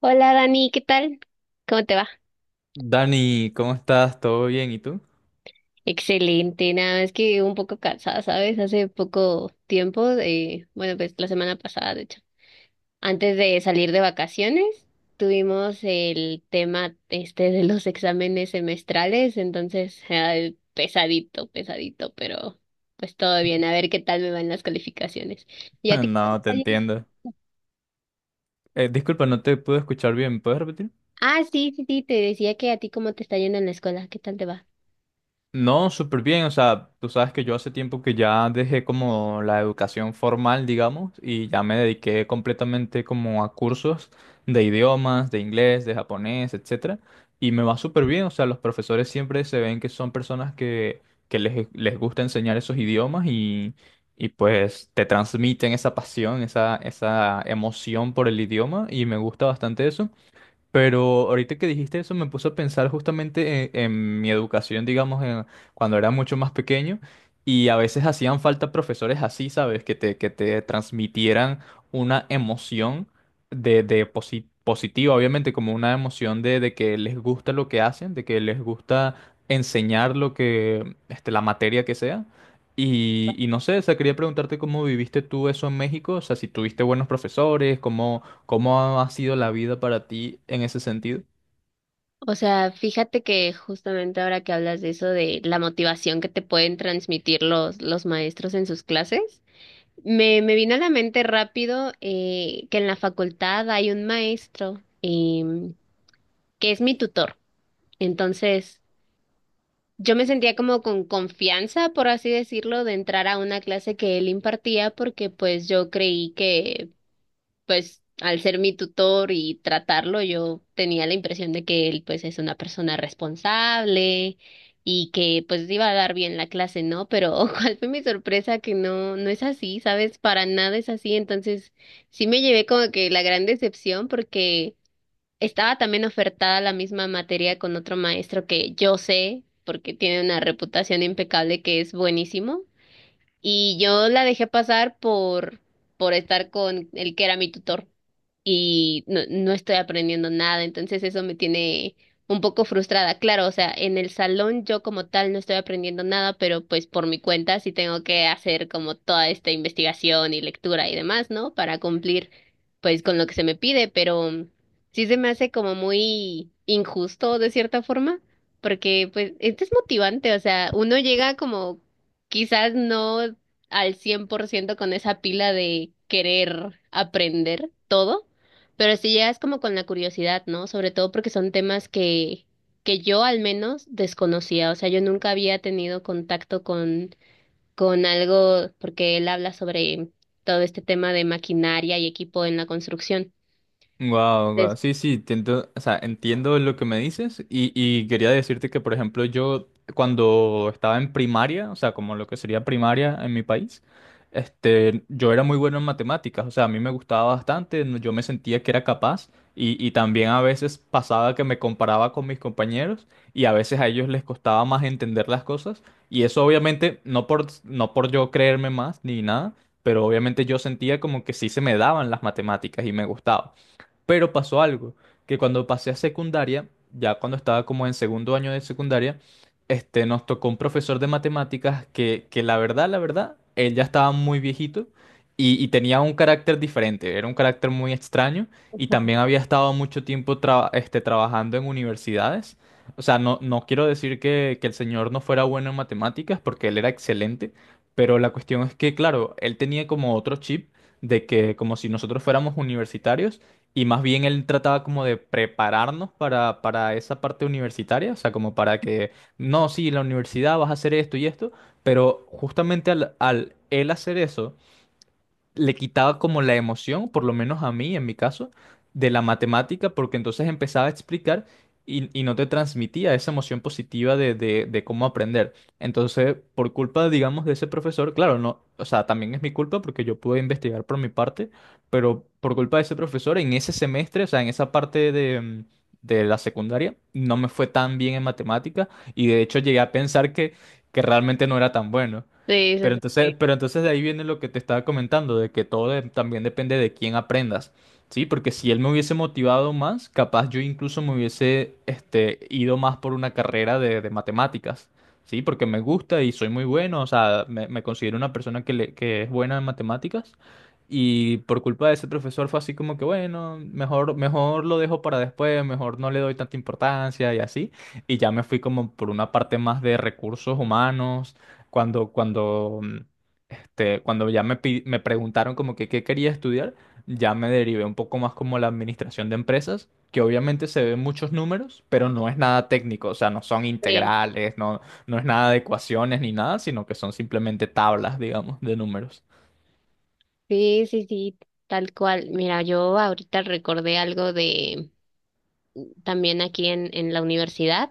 Hola Dani, ¿qué tal? ¿Cómo te va? Dani, ¿cómo estás? ¿Todo bien? ¿Y tú? Excelente, nada más que un poco cansada, ¿sabes? Hace poco tiempo, bueno, pues la semana pasada, de hecho, antes de salir de vacaciones, tuvimos el tema este de los exámenes semestrales, entonces, ay, pesadito, pesadito, pero pues todo bien, a ver qué tal me van las calificaciones. ¿Y a ti cómo te No, te está yendo? entiendo. Disculpa, no te puedo escuchar bien. ¿Puedes repetir? Ah, sí, sí, sí, te decía que a ti cómo te está yendo en la escuela, ¿qué tal te va? No, súper bien. O sea, tú sabes que yo hace tiempo que ya dejé como la educación formal, digamos, y ya me dediqué completamente como a cursos de idiomas, de inglés, de japonés, etcétera. Y me va súper bien. O sea, los profesores siempre se ven que son personas que les gusta enseñar esos idiomas y pues te transmiten esa pasión, esa emoción por el idioma y me gusta bastante eso. Pero ahorita que dijiste eso me puso a pensar justamente en mi educación, digamos, cuando era mucho más pequeño y a veces hacían falta profesores así, ¿sabes? Que te transmitieran una emoción de positiva, obviamente, como una emoción de que les gusta lo que hacen, de que les gusta enseñar lo que, la materia que sea. Y no sé, o sea, quería preguntarte cómo viviste tú eso en México, o sea, si tuviste buenos profesores, cómo. ¿Cómo ha sido la vida para ti en ese sentido? O sea, fíjate que justamente ahora que hablas de eso, de la motivación que te pueden transmitir los maestros en sus clases, me vino a la mente rápido que en la facultad hay un maestro que es mi tutor. Entonces, yo me sentía como con confianza, por así decirlo, de entrar a una clase que él impartía porque pues yo creí que pues al ser mi tutor y tratarlo, yo tenía la impresión de que él pues es una persona responsable y que pues iba a dar bien la clase, ¿no? Pero cuál fue mi sorpresa que no, no es así, ¿sabes? Para nada es así. Entonces sí me llevé como que la gran decepción porque estaba también ofertada la misma materia con otro maestro que yo sé, porque tiene una reputación impecable que es buenísimo. Y yo la dejé pasar por estar con el que era mi tutor y no, no estoy aprendiendo nada, entonces eso me tiene un poco frustrada. Claro, o sea, en el salón yo como tal no estoy aprendiendo nada, pero pues por mi cuenta sí tengo que hacer como toda esta investigación y lectura y demás, ¿no? Para cumplir pues con lo que se me pide, pero sí se me hace como muy injusto de cierta forma, porque pues es desmotivante, o sea, uno llega como quizás no al 100% con esa pila de querer aprender todo, pero si llegas como con la curiosidad, ¿no? Sobre todo porque son temas que yo al menos desconocía. O sea, yo nunca había tenido contacto con algo, porque él habla sobre todo este tema de maquinaria y equipo en la construcción. Wow, wow. Entonces, Sí, sí, entiendo, o sea, entiendo lo que me dices y quería decirte que, por ejemplo, yo cuando estaba en primaria, o sea, como lo que sería primaria en mi país, yo era muy bueno en matemáticas, o sea, a mí me gustaba bastante, yo me sentía que era capaz y también a veces pasaba que me comparaba con mis compañeros y a veces a ellos les costaba más entender las cosas y eso obviamente no por yo creerme más ni nada, pero obviamente yo sentía como que sí se me daban las matemáticas y me gustaba. Pero pasó algo, que cuando pasé a secundaria, ya cuando estaba como en segundo año de secundaria, nos tocó un profesor de matemáticas que la verdad, él ya estaba muy viejito y tenía un carácter diferente, era un carácter muy extraño y también había estado mucho tiempo trabajando en universidades. O sea, no, no quiero decir que el señor no fuera bueno en matemáticas porque él era excelente, pero la cuestión es que, claro, él tenía como otro chip de que como si nosotros fuéramos universitarios y más bien él trataba como de prepararnos para esa parte universitaria, o sea, como para que, no, sí, la universidad vas a hacer esto y esto, pero justamente al él hacer eso, le quitaba como la emoción, por lo menos a mí, en mi caso, de la matemática, porque entonces empezaba a explicar y no te transmitía esa emoción positiva de cómo aprender. Entonces, por culpa, digamos, de ese profesor, claro, no, o sea, también es mi culpa porque yo pude investigar por mi parte, pero por culpa de ese profesor, en ese semestre, o sea, en esa parte de la secundaria, no me fue tan bien en matemática y de hecho llegué a pensar que realmente no era tan bueno. sí, sí, Pero entonces, sí. pero entonces de ahí viene lo que te estaba comentando, de que todo también depende de quién aprendas, ¿sí? Porque si él me hubiese motivado más, capaz yo incluso me hubiese ido más por una carrera de matemáticas, ¿sí? Porque me gusta y soy muy bueno, o sea, me considero una persona que, que es buena en matemáticas y por culpa de ese profesor fue así como que, bueno, mejor lo dejo para después, mejor no le doy tanta importancia y así, y ya me fui como por una parte más de recursos humanos cuando, cuando, mm, cuando ya me preguntaron como que qué quería estudiar, ya me derivé un poco más como la administración de empresas, que obviamente se ven muchos números, pero no es nada técnico, o sea, no son Sí. integrales, no, no es nada de ecuaciones ni nada, sino que son simplemente tablas, digamos, de números. Sí, sí, sí, sí, tal cual. Mira, yo ahorita recordé algo de también aquí en la universidad.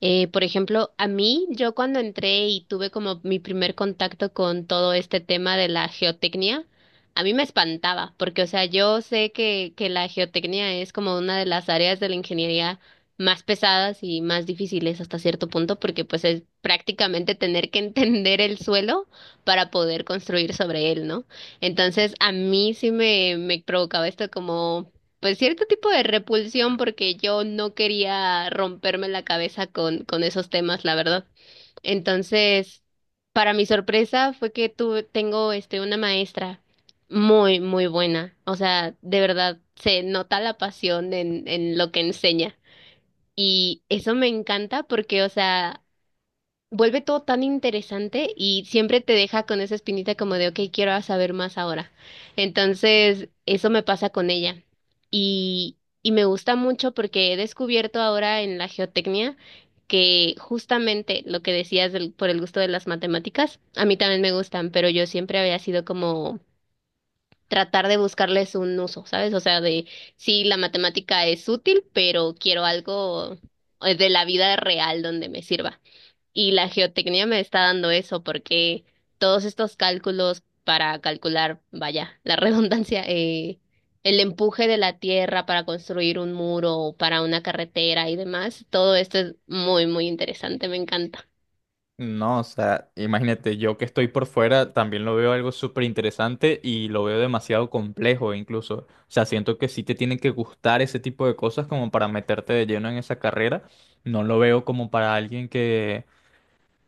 Por ejemplo, a mí, yo cuando entré y tuve como mi primer contacto con todo este tema de la geotecnia, a mí me espantaba, porque, o sea, yo sé que la geotecnia es como una de las áreas de la ingeniería más pesadas y más difíciles hasta cierto punto, porque pues es prácticamente tener que entender el suelo para poder construir sobre él, ¿no? Entonces, a mí sí me provocaba esto como pues cierto tipo de repulsión porque yo no quería romperme la cabeza con esos temas, la verdad. Entonces, para mi sorpresa fue que tuve, tengo este una maestra muy, muy buena. O sea, de verdad se nota la pasión en lo que enseña. Y eso me encanta porque, o sea, vuelve todo tan interesante y siempre te deja con esa espinita como de, ok, quiero saber más ahora. Entonces, eso me pasa con ella. Y me gusta mucho porque he descubierto ahora en la geotecnia que justamente lo que decías del- por el gusto de las matemáticas, a mí también me gustan, pero yo siempre había sido como tratar de buscarles un uso, ¿sabes? O sea, de sí, la matemática es útil, pero quiero algo de la vida real donde me sirva. Y la geotecnia me está dando eso porque todos estos cálculos para calcular, vaya, la redundancia, el empuje de la tierra para construir un muro o para una carretera y demás, todo esto es muy, muy interesante, me encanta. No, o sea, imagínate, yo que estoy por fuera también lo veo algo súper interesante y lo veo demasiado complejo incluso. O sea, siento que sí te tienen que gustar ese tipo de cosas como para meterte de lleno en esa carrera. No lo veo como para alguien que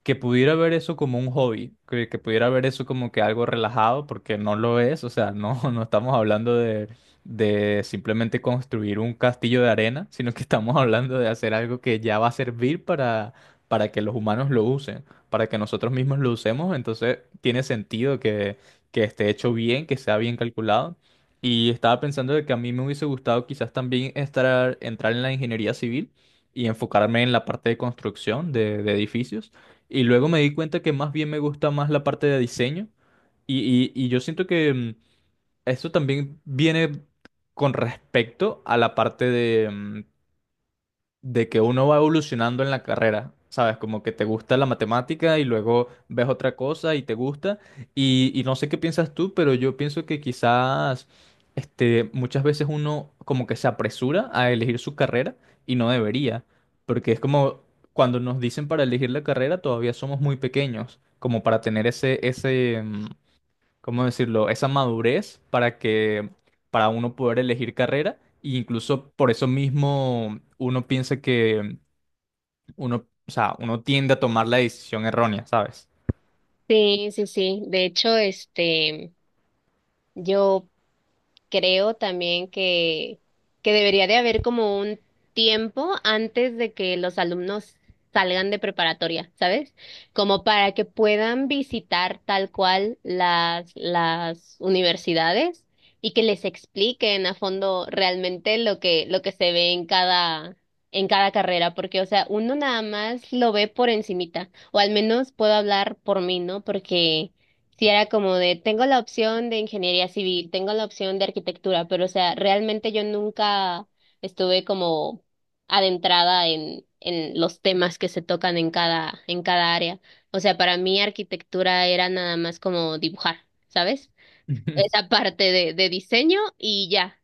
que pudiera ver eso como un hobby, que pudiera ver eso como que algo relajado, porque no lo es, o sea, no, no estamos hablando de simplemente construir un castillo de arena, sino que estamos hablando de hacer algo que ya va a servir para que los humanos lo usen, para que nosotros mismos lo usemos, entonces tiene sentido que esté hecho bien, que sea bien calculado. Y estaba pensando de que a mí me hubiese gustado quizás también entrar en la ingeniería civil y enfocarme en la parte de construcción de edificios y luego me di cuenta que más bien me gusta más la parte de diseño. Y yo siento que esto también viene con respecto a la parte de que uno va evolucionando en la carrera, ¿sabes? Como que te gusta la matemática y luego ves otra cosa y te gusta. Y no sé qué piensas tú, pero yo pienso que quizás muchas veces uno como que se apresura a elegir su carrera y no debería, porque es como cuando nos dicen para elegir la carrera todavía somos muy pequeños, como para tener ese, ¿cómo decirlo? Esa madurez para uno poder elegir carrera, e incluso por eso mismo uno piensa que uno, o sea, uno tiende a tomar la decisión errónea, ¿sabes? Sí, sí, sí. De hecho, yo creo también que debería de haber como un tiempo antes de que los alumnos salgan de preparatoria, ¿sabes? Como para que puedan visitar tal cual las universidades y que les expliquen a fondo realmente lo lo que se ve en cada carrera, porque, o sea, uno nada más lo ve por encimita, o al menos puedo hablar por mí, ¿no? Porque sí, era como de, tengo la opción de ingeniería civil, tengo la opción de arquitectura, pero o sea, realmente yo nunca estuve como adentrada en los temas que se tocan en cada área. O sea, para mí arquitectura era nada más como dibujar, ¿sabes? Esa parte de diseño y ya.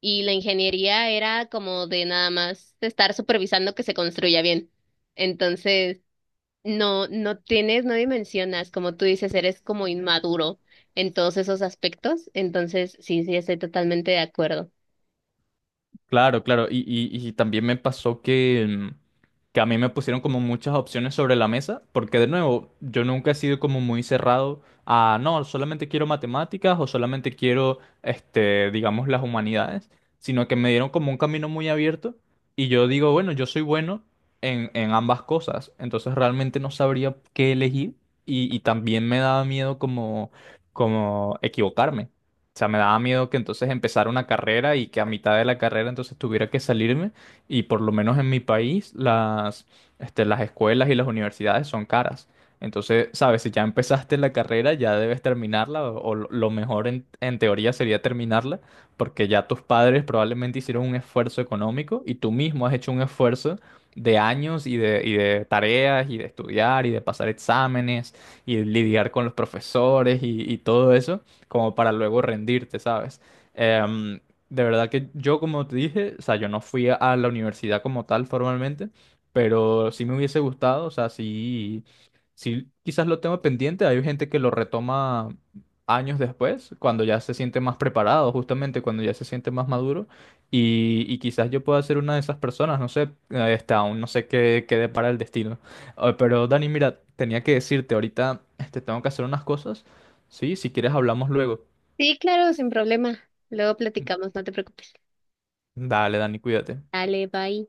Y la ingeniería era como de nada más estar supervisando que se construya bien. Entonces, no, no tienes, no dimensionas, como tú dices, eres como inmaduro en todos esos aspectos. Entonces, sí, sí, estoy totalmente de acuerdo. Claro, claro. Y también me pasó que, que a mí me pusieron como muchas opciones sobre la mesa, porque de nuevo, yo nunca he sido como muy cerrado a, no, solamente quiero matemáticas o solamente quiero, digamos, las humanidades, sino que me dieron como un camino muy abierto y yo digo, bueno, yo soy bueno en ambas cosas, entonces realmente no sabría qué elegir y también me daba miedo como equivocarme. O sea, me daba miedo que entonces empezara una carrera y que a mitad de la carrera entonces tuviera que salirme. Y por lo menos en mi país, las escuelas y las universidades son caras. Entonces, sabes, si ya empezaste la carrera, ya debes terminarla, o lo mejor en teoría sería terminarla, porque ya tus padres probablemente hicieron un esfuerzo económico y tú mismo has hecho un esfuerzo de años y de tareas y de estudiar y de pasar exámenes y lidiar con los profesores y todo eso como para luego rendirte, ¿sabes? Em, de verdad que yo, como te dije, o sea, yo no fui a la universidad como tal formalmente, pero sí me hubiese gustado, o sea, sí, sí quizás lo tengo pendiente, hay gente que lo retoma años después, cuando ya se siente más preparado, justamente cuando ya se siente más maduro, y quizás yo pueda ser una de esas personas, no sé, aún no sé qué depara el destino. Ah, pero Dani, mira, tenía que decirte ahorita, tengo que hacer unas cosas. Sí, si quieres hablamos luego. Sí, claro, sin problema. Luego platicamos, no te preocupes. Dale, Dani, cuídate. Dale, bye.